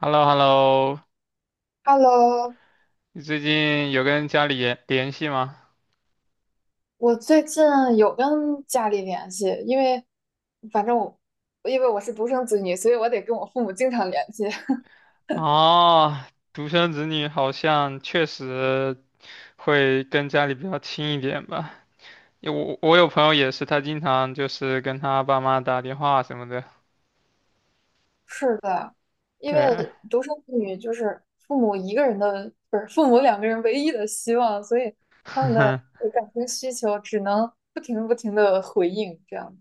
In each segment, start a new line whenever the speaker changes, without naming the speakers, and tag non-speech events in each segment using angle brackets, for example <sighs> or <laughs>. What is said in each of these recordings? h e l l o h e l l o
Hello，
你最近有跟家里联系吗？
我最近有跟家里联系，因为反正我我是独生子女，所以我得跟我父母经常联系。<laughs>
哦，独生子女好像确实会跟家里比较亲一点吧。因为我有朋友也是，他经常就是跟他爸妈打电话什么的。
是的，因为
对，
独生子女就是父母一个人的，不是父母两个人唯一的希望，所以他们的
<laughs>
感情需求只能不停不停的回应这样。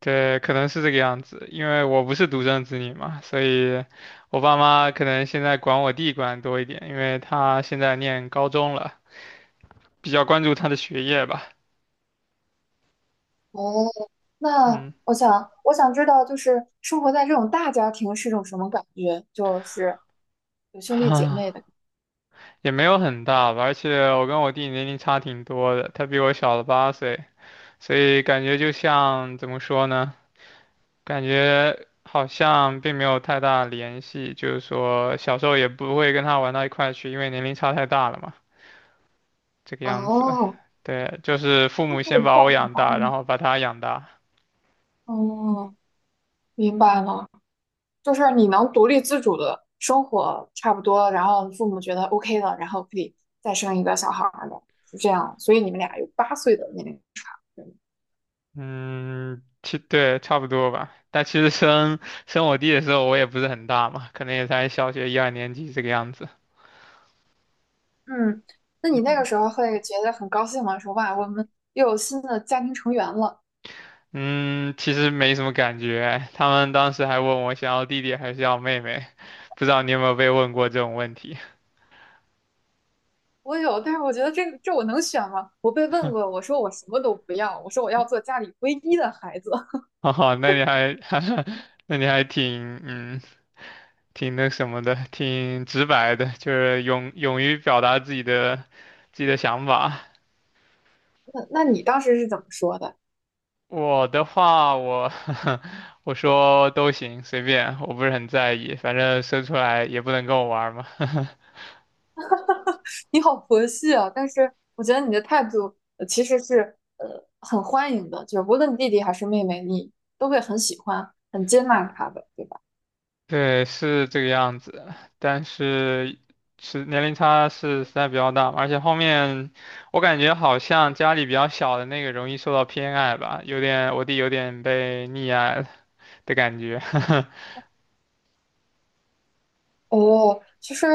对，可能是这个样子。因为我不是独生子女嘛，所以我爸妈可能现在管我弟管得多一点，因为他现在念高中了，比较关注他的学业吧。
哦，那
嗯，
我想知道，就是生活在这种大家庭是种什么感觉？就是有兄
<sighs>
弟姐妹的。
也没有很大吧，而且我跟我弟年龄差挺多的，他比我小了8岁，所以感觉就像怎么说呢？感觉好像并没有太大联系，就是说小时候也不会跟他玩到一块去，因为年龄差太大了嘛，这个样子。
哦，
对，就是父母先
对
把
话，
我养大，然后把他养大。
哦，明白了，就是你能独立自主的生活差不多，然后父母觉得 OK 了，然后可以再生一个小孩儿的，是这样。所以你们俩有八岁的年龄差，对吗？
嗯，其对，差不多吧。但其实生我弟的时候，我也不是很大嘛，可能也才小学一二年级这个样子。
嗯，那你那个
嗯
时候会觉得很高兴吗？说哇，我们又有新的家庭成员了。
嗯，其实没什么感觉。他们当时还问我想要弟弟还是要妹妹，不知道你有没有被问过这种问题？
我有，但是我觉得这个这我能选吗？我被问过，我说我什么都不要，我说我要做家里唯一的孩子。
<laughs> 哦，那你还，<laughs> 那你还挺，嗯，挺那什么的，挺直白的，就是勇于表达自己的自己的想法。
<laughs> 那你当时是怎么说的？
我的话，我 <laughs> 我说都行，随便，我不是很在意，反正生出来也不能跟我玩儿嘛。
你好佛系啊！但是我觉得你的态度其实是很欢迎的，就是无论弟弟还是妹妹，你都会很喜欢、很接纳他的，对吧？
对，是这个样子，但是是年龄差是实在比较大嘛而且后面我感觉好像家里比较小的那个容易受到偏爱吧，有点我弟有点被溺爱了的感觉。<laughs>
哦，其实，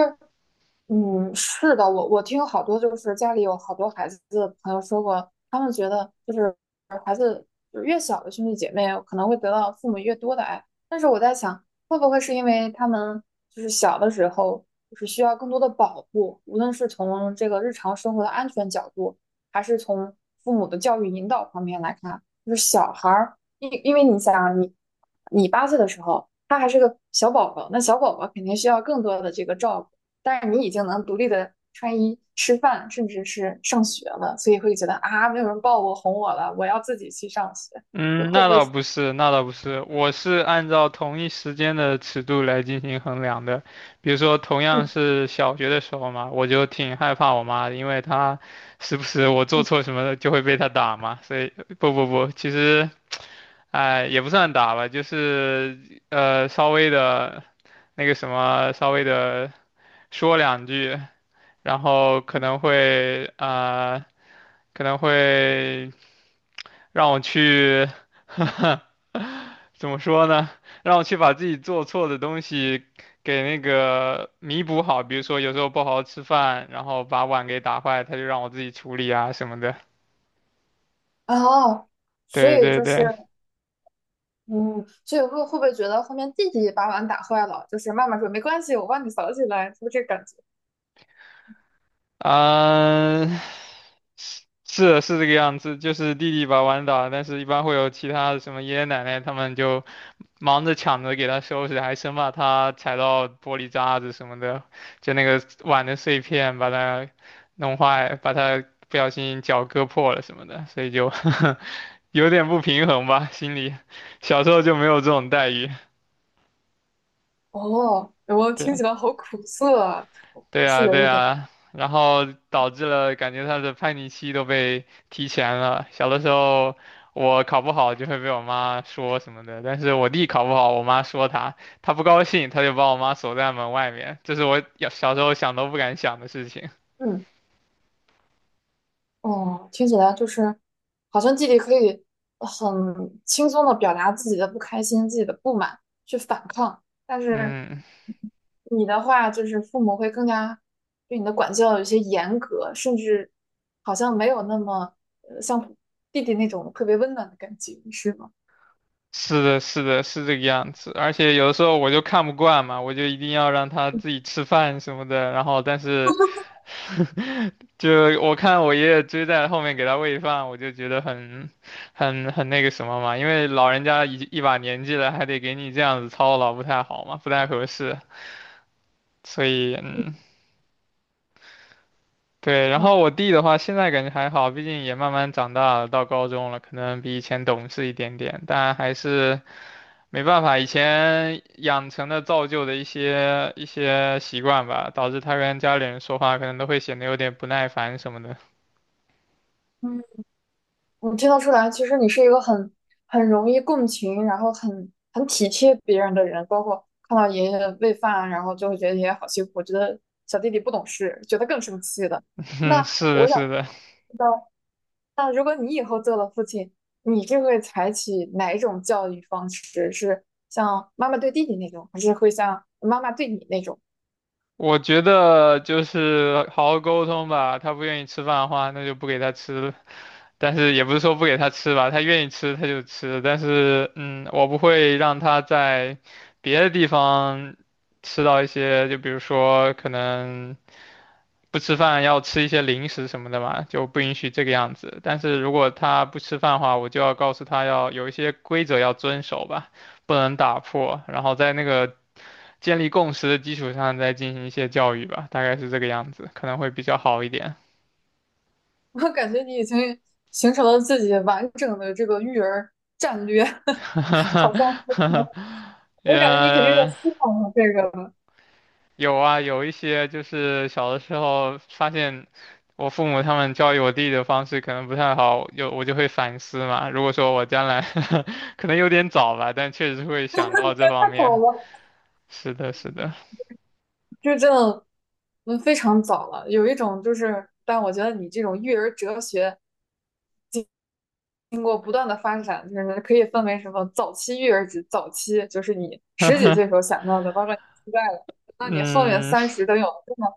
嗯，是的，我听好多就是家里有好多孩子的朋友说过，他们觉得就是越小的兄弟姐妹可能会得到父母越多的爱。但是我在想，会不会是因为他们就是小的时候就是需要更多的保护，无论是从这个日常生活的安全角度，还是从父母的教育引导方面来看，就是小孩儿，因为你想啊你八岁的时候，他还是个小宝宝，那小宝宝肯定需要更多的这个照顾。但是你已经能独立的穿衣、吃饭，甚至是上学了，所以会觉得啊，没有人抱我、哄我了，我要自己去上学，会
嗯，
会
那
不会
倒
是？
不是，那倒不是，我是按照同一时间的尺度来进行衡量的。比如说，同样
嗯
是小学的时候嘛，我就挺害怕我妈的，因为她时不时我做
嗯，
错什么就会被她打嘛。所以，不不不，其实。哎，也不算打吧，就是稍微的，那个什么，稍微的说两句，然后可能会让我去，<laughs> 怎么说呢？让我去把自己做错的东西给那个弥补好，比如说有时候不好好吃饭，然后把碗给打坏，他就让我自己处理啊什么的。
哦，所
对
以
对
就是
对。
嗯，所以会不会觉得后面弟弟把碗打坏了，就是妈妈说没关系，我帮你扫起来，是不是这个感觉？
啊，是是这个样子，就是弟弟把碗打，但是一般会有其他的什么爷爷奶奶他们就忙着抢着给他收拾，还生怕他踩到玻璃渣子什么的，就那个碗的碎片把它弄坏，把它不小心脚割破了什么的，所以就 <laughs> 有点不平衡吧，心里小时候就没有这种待遇，
哦，我听
对。
起来好苦涩啊，
对
是
啊，
有
对
一点，
啊，然后导致了感觉他的叛逆期都被提前了。小的时候我考不好就会被我妈说什么的，但是我弟考不好，我妈说他，他不高兴，他就把我妈锁在门外面，这是我小时候想都不敢想的事情。
嗯。哦，听起来就是好像弟弟可以很轻松的表达自己的不开心、自己的不满，去反抗。但是
嗯。
你的话，就是父母会更加对你的管教有些严格，甚至好像没有那么像弟弟那种特别温暖的感觉，是吗？
是的，是的，是这个样子。而且有的时候我就看不惯嘛，我就一定要让他自己吃饭什么的。然后，但是 <laughs> 就我看我爷爷追在后面给他喂饭，我就觉得很那个什么嘛，因为老人家一把年纪了，还得给你这样子操劳，不太好嘛，不太合适。所以，嗯，对。然
哇，
后我弟的话，现在感觉还好，毕竟也慢慢长大了，到高中了，可能比以前懂事一点点，但还是。没办法，以前养成的造就的一些习惯吧，导致他跟家里人说话可能都会显得有点不耐烦什么的。
嗯。我听得出来，其实你是一个很容易共情，然后很体贴别人的人。包括看到爷爷喂饭，然后就会觉得爷爷好辛苦，觉得小弟弟不懂事，觉得更生气的。
<laughs>
那
嗯，是的，
我想
是的，
知道，那如果你以后做了父亲，你是会采取哪一种教育方式？是像妈妈对弟弟那种，还是会像妈妈对你那种？
我觉得就是好好沟通吧。他不愿意吃饭的话，那就不给他吃了但是也不是说不给他吃吧，他愿意吃他就吃。但是，嗯，我不会让他在别的地方吃到一些，就比如说可能。不吃饭要吃一些零食什么的嘛，就不允许这个样子。但是如果他不吃饭的话，我就要告诉他要有一些规则要遵守吧，不能打破，然后在那个建立共识的基础上再进行一些教育吧，大概是这个样子，可能会比较好一点。
<laughs> 我感觉你已经形成了自己完整的这个育儿战略，<laughs> 好
<laughs>
像。我感觉你肯定是
呃，
思考了这个了。
有啊，有一些就是小的时候发现我父母他们教育我弟的方式可能不太好，有我就会反思嘛。如果说我将来 <laughs> 可能有点早吧，但确实会想到这方
太早
面。
了，
是的，是的，
就真的，嗯，非常早了。有一种就是，但我觉得你这种育儿哲学经过不断的发展，就是可以分为什么早期育儿指早期就是你十几岁时候想到的，包括你现在了，那你后面
嗯，
三十都有了这么，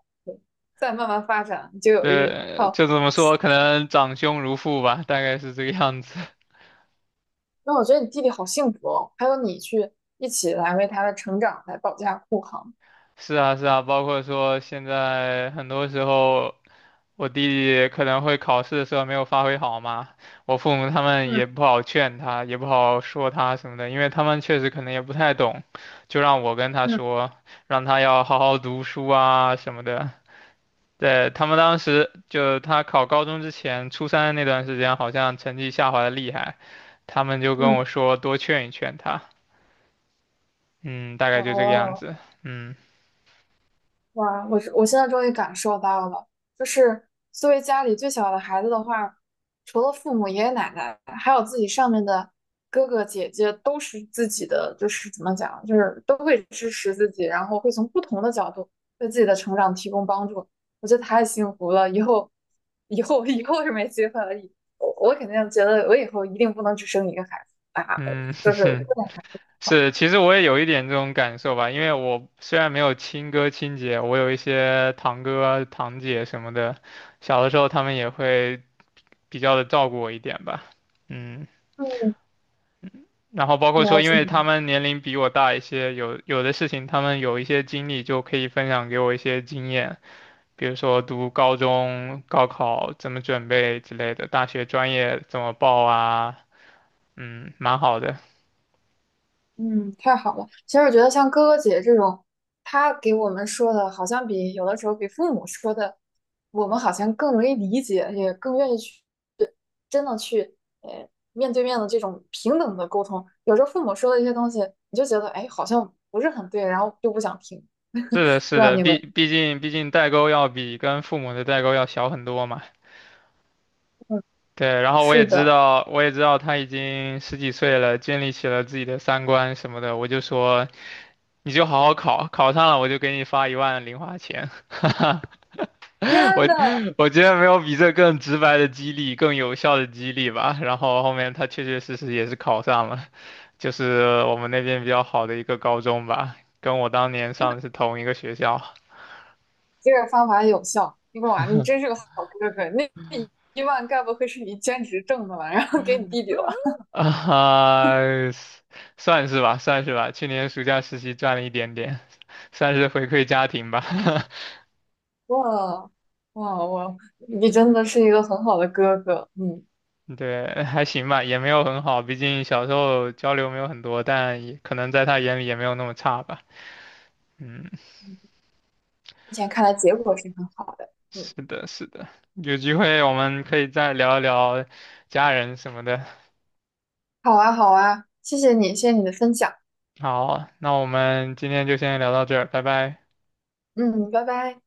再慢慢发展，你就
<laughs>
有一
对，
套。
就这么说，可能长兄如父吧，大概是这个样子。
那我觉得你弟弟好幸福哦，还有你去一起来为他的成长来保驾护航。
是啊，是啊，包括说现在很多时候，我弟弟可能会考试的时候没有发挥好嘛，我父母他们也
嗯
不好劝他，也不好说他什么的，因为他们确实可能也不太懂，就让我跟他
嗯
说，让他要好好读书啊什么的。对，他们当时就他考高中之前，初三那段时间好像成绩下滑的厉害，他们就跟
嗯，
我说多劝一劝他，嗯，大概就这个样
哦。
子，嗯
哇，我现在终于感受到了，就是作为家里最小的孩子的话，除了父母、爷爷奶奶，还有自己上面的哥哥姐姐，都是自己的，就是怎么讲，就是都会支持自己，然后会从不同的角度为自己的成长提供帮助。我觉得太幸福了，以后是没机会了。我肯定觉得我以后一定不能只生一个孩子啊，
嗯。
就是
<laughs> 是，其实我也有一点这种感受吧，因为我虽然没有亲哥亲姐，我有一些堂哥啊堂姐什么的，小的时候他们也会比较的照顾我一点吧，嗯，
嗯，
然后包括说，
了
因
解。
为他们年龄比我大一些，有的事情他们有一些经历就可以分享给我一些经验，比如说读高中、高考怎么准备之类的，大学专业怎么报啊，嗯，蛮好的。
嗯，太好了。其实我觉得像哥哥姐这种，他给我们说的，好像比有的时候比父母说的，我们好像更容易理解，也更愿意去真的去面对面的这种平等的沟通。有时候父母说的一些东西，你就觉得哎好像不是很对，然后就不想听。
是的，
不
是
知道
的，
你
毕
们，
毕竟毕竟代沟要比跟父母的代沟要小很多嘛。
嗯，
对，然后我也
是
知
的，
道，我也知道他已经十几岁了，建立起了自己的三观什么的。我就说，你就好好考，考上了我就给你发1万零花钱。
天
<laughs> 我
呐，
我觉得没有比这更直白的激励，更有效的激励吧。然后后面他确确实实也是考上了，就是我们那边比较好的一个高中吧，跟我当年上的是同一个学校。
这个方法有效。哇，你真是个好哥哥，那1万该不会是你兼职挣的吧？然后给你弟弟了。
<laughs> 啊，算是吧，算是吧。去年暑假实习赚了一点点，算是回馈家庭吧。<laughs>
哇哇哇！你真的是一个很好的哥哥，嗯，目
对，还行吧，也没有很好，毕竟小时候交流没有很多，但也可能在他眼里也没有那么差吧。嗯，
前看来结果是很好的，嗯，
是的，是的。有机会我们可以再聊一聊家人什么的。
好啊好啊，谢谢你，谢谢你的分享，
好，那我们今天就先聊到这儿，拜拜。
嗯，拜拜。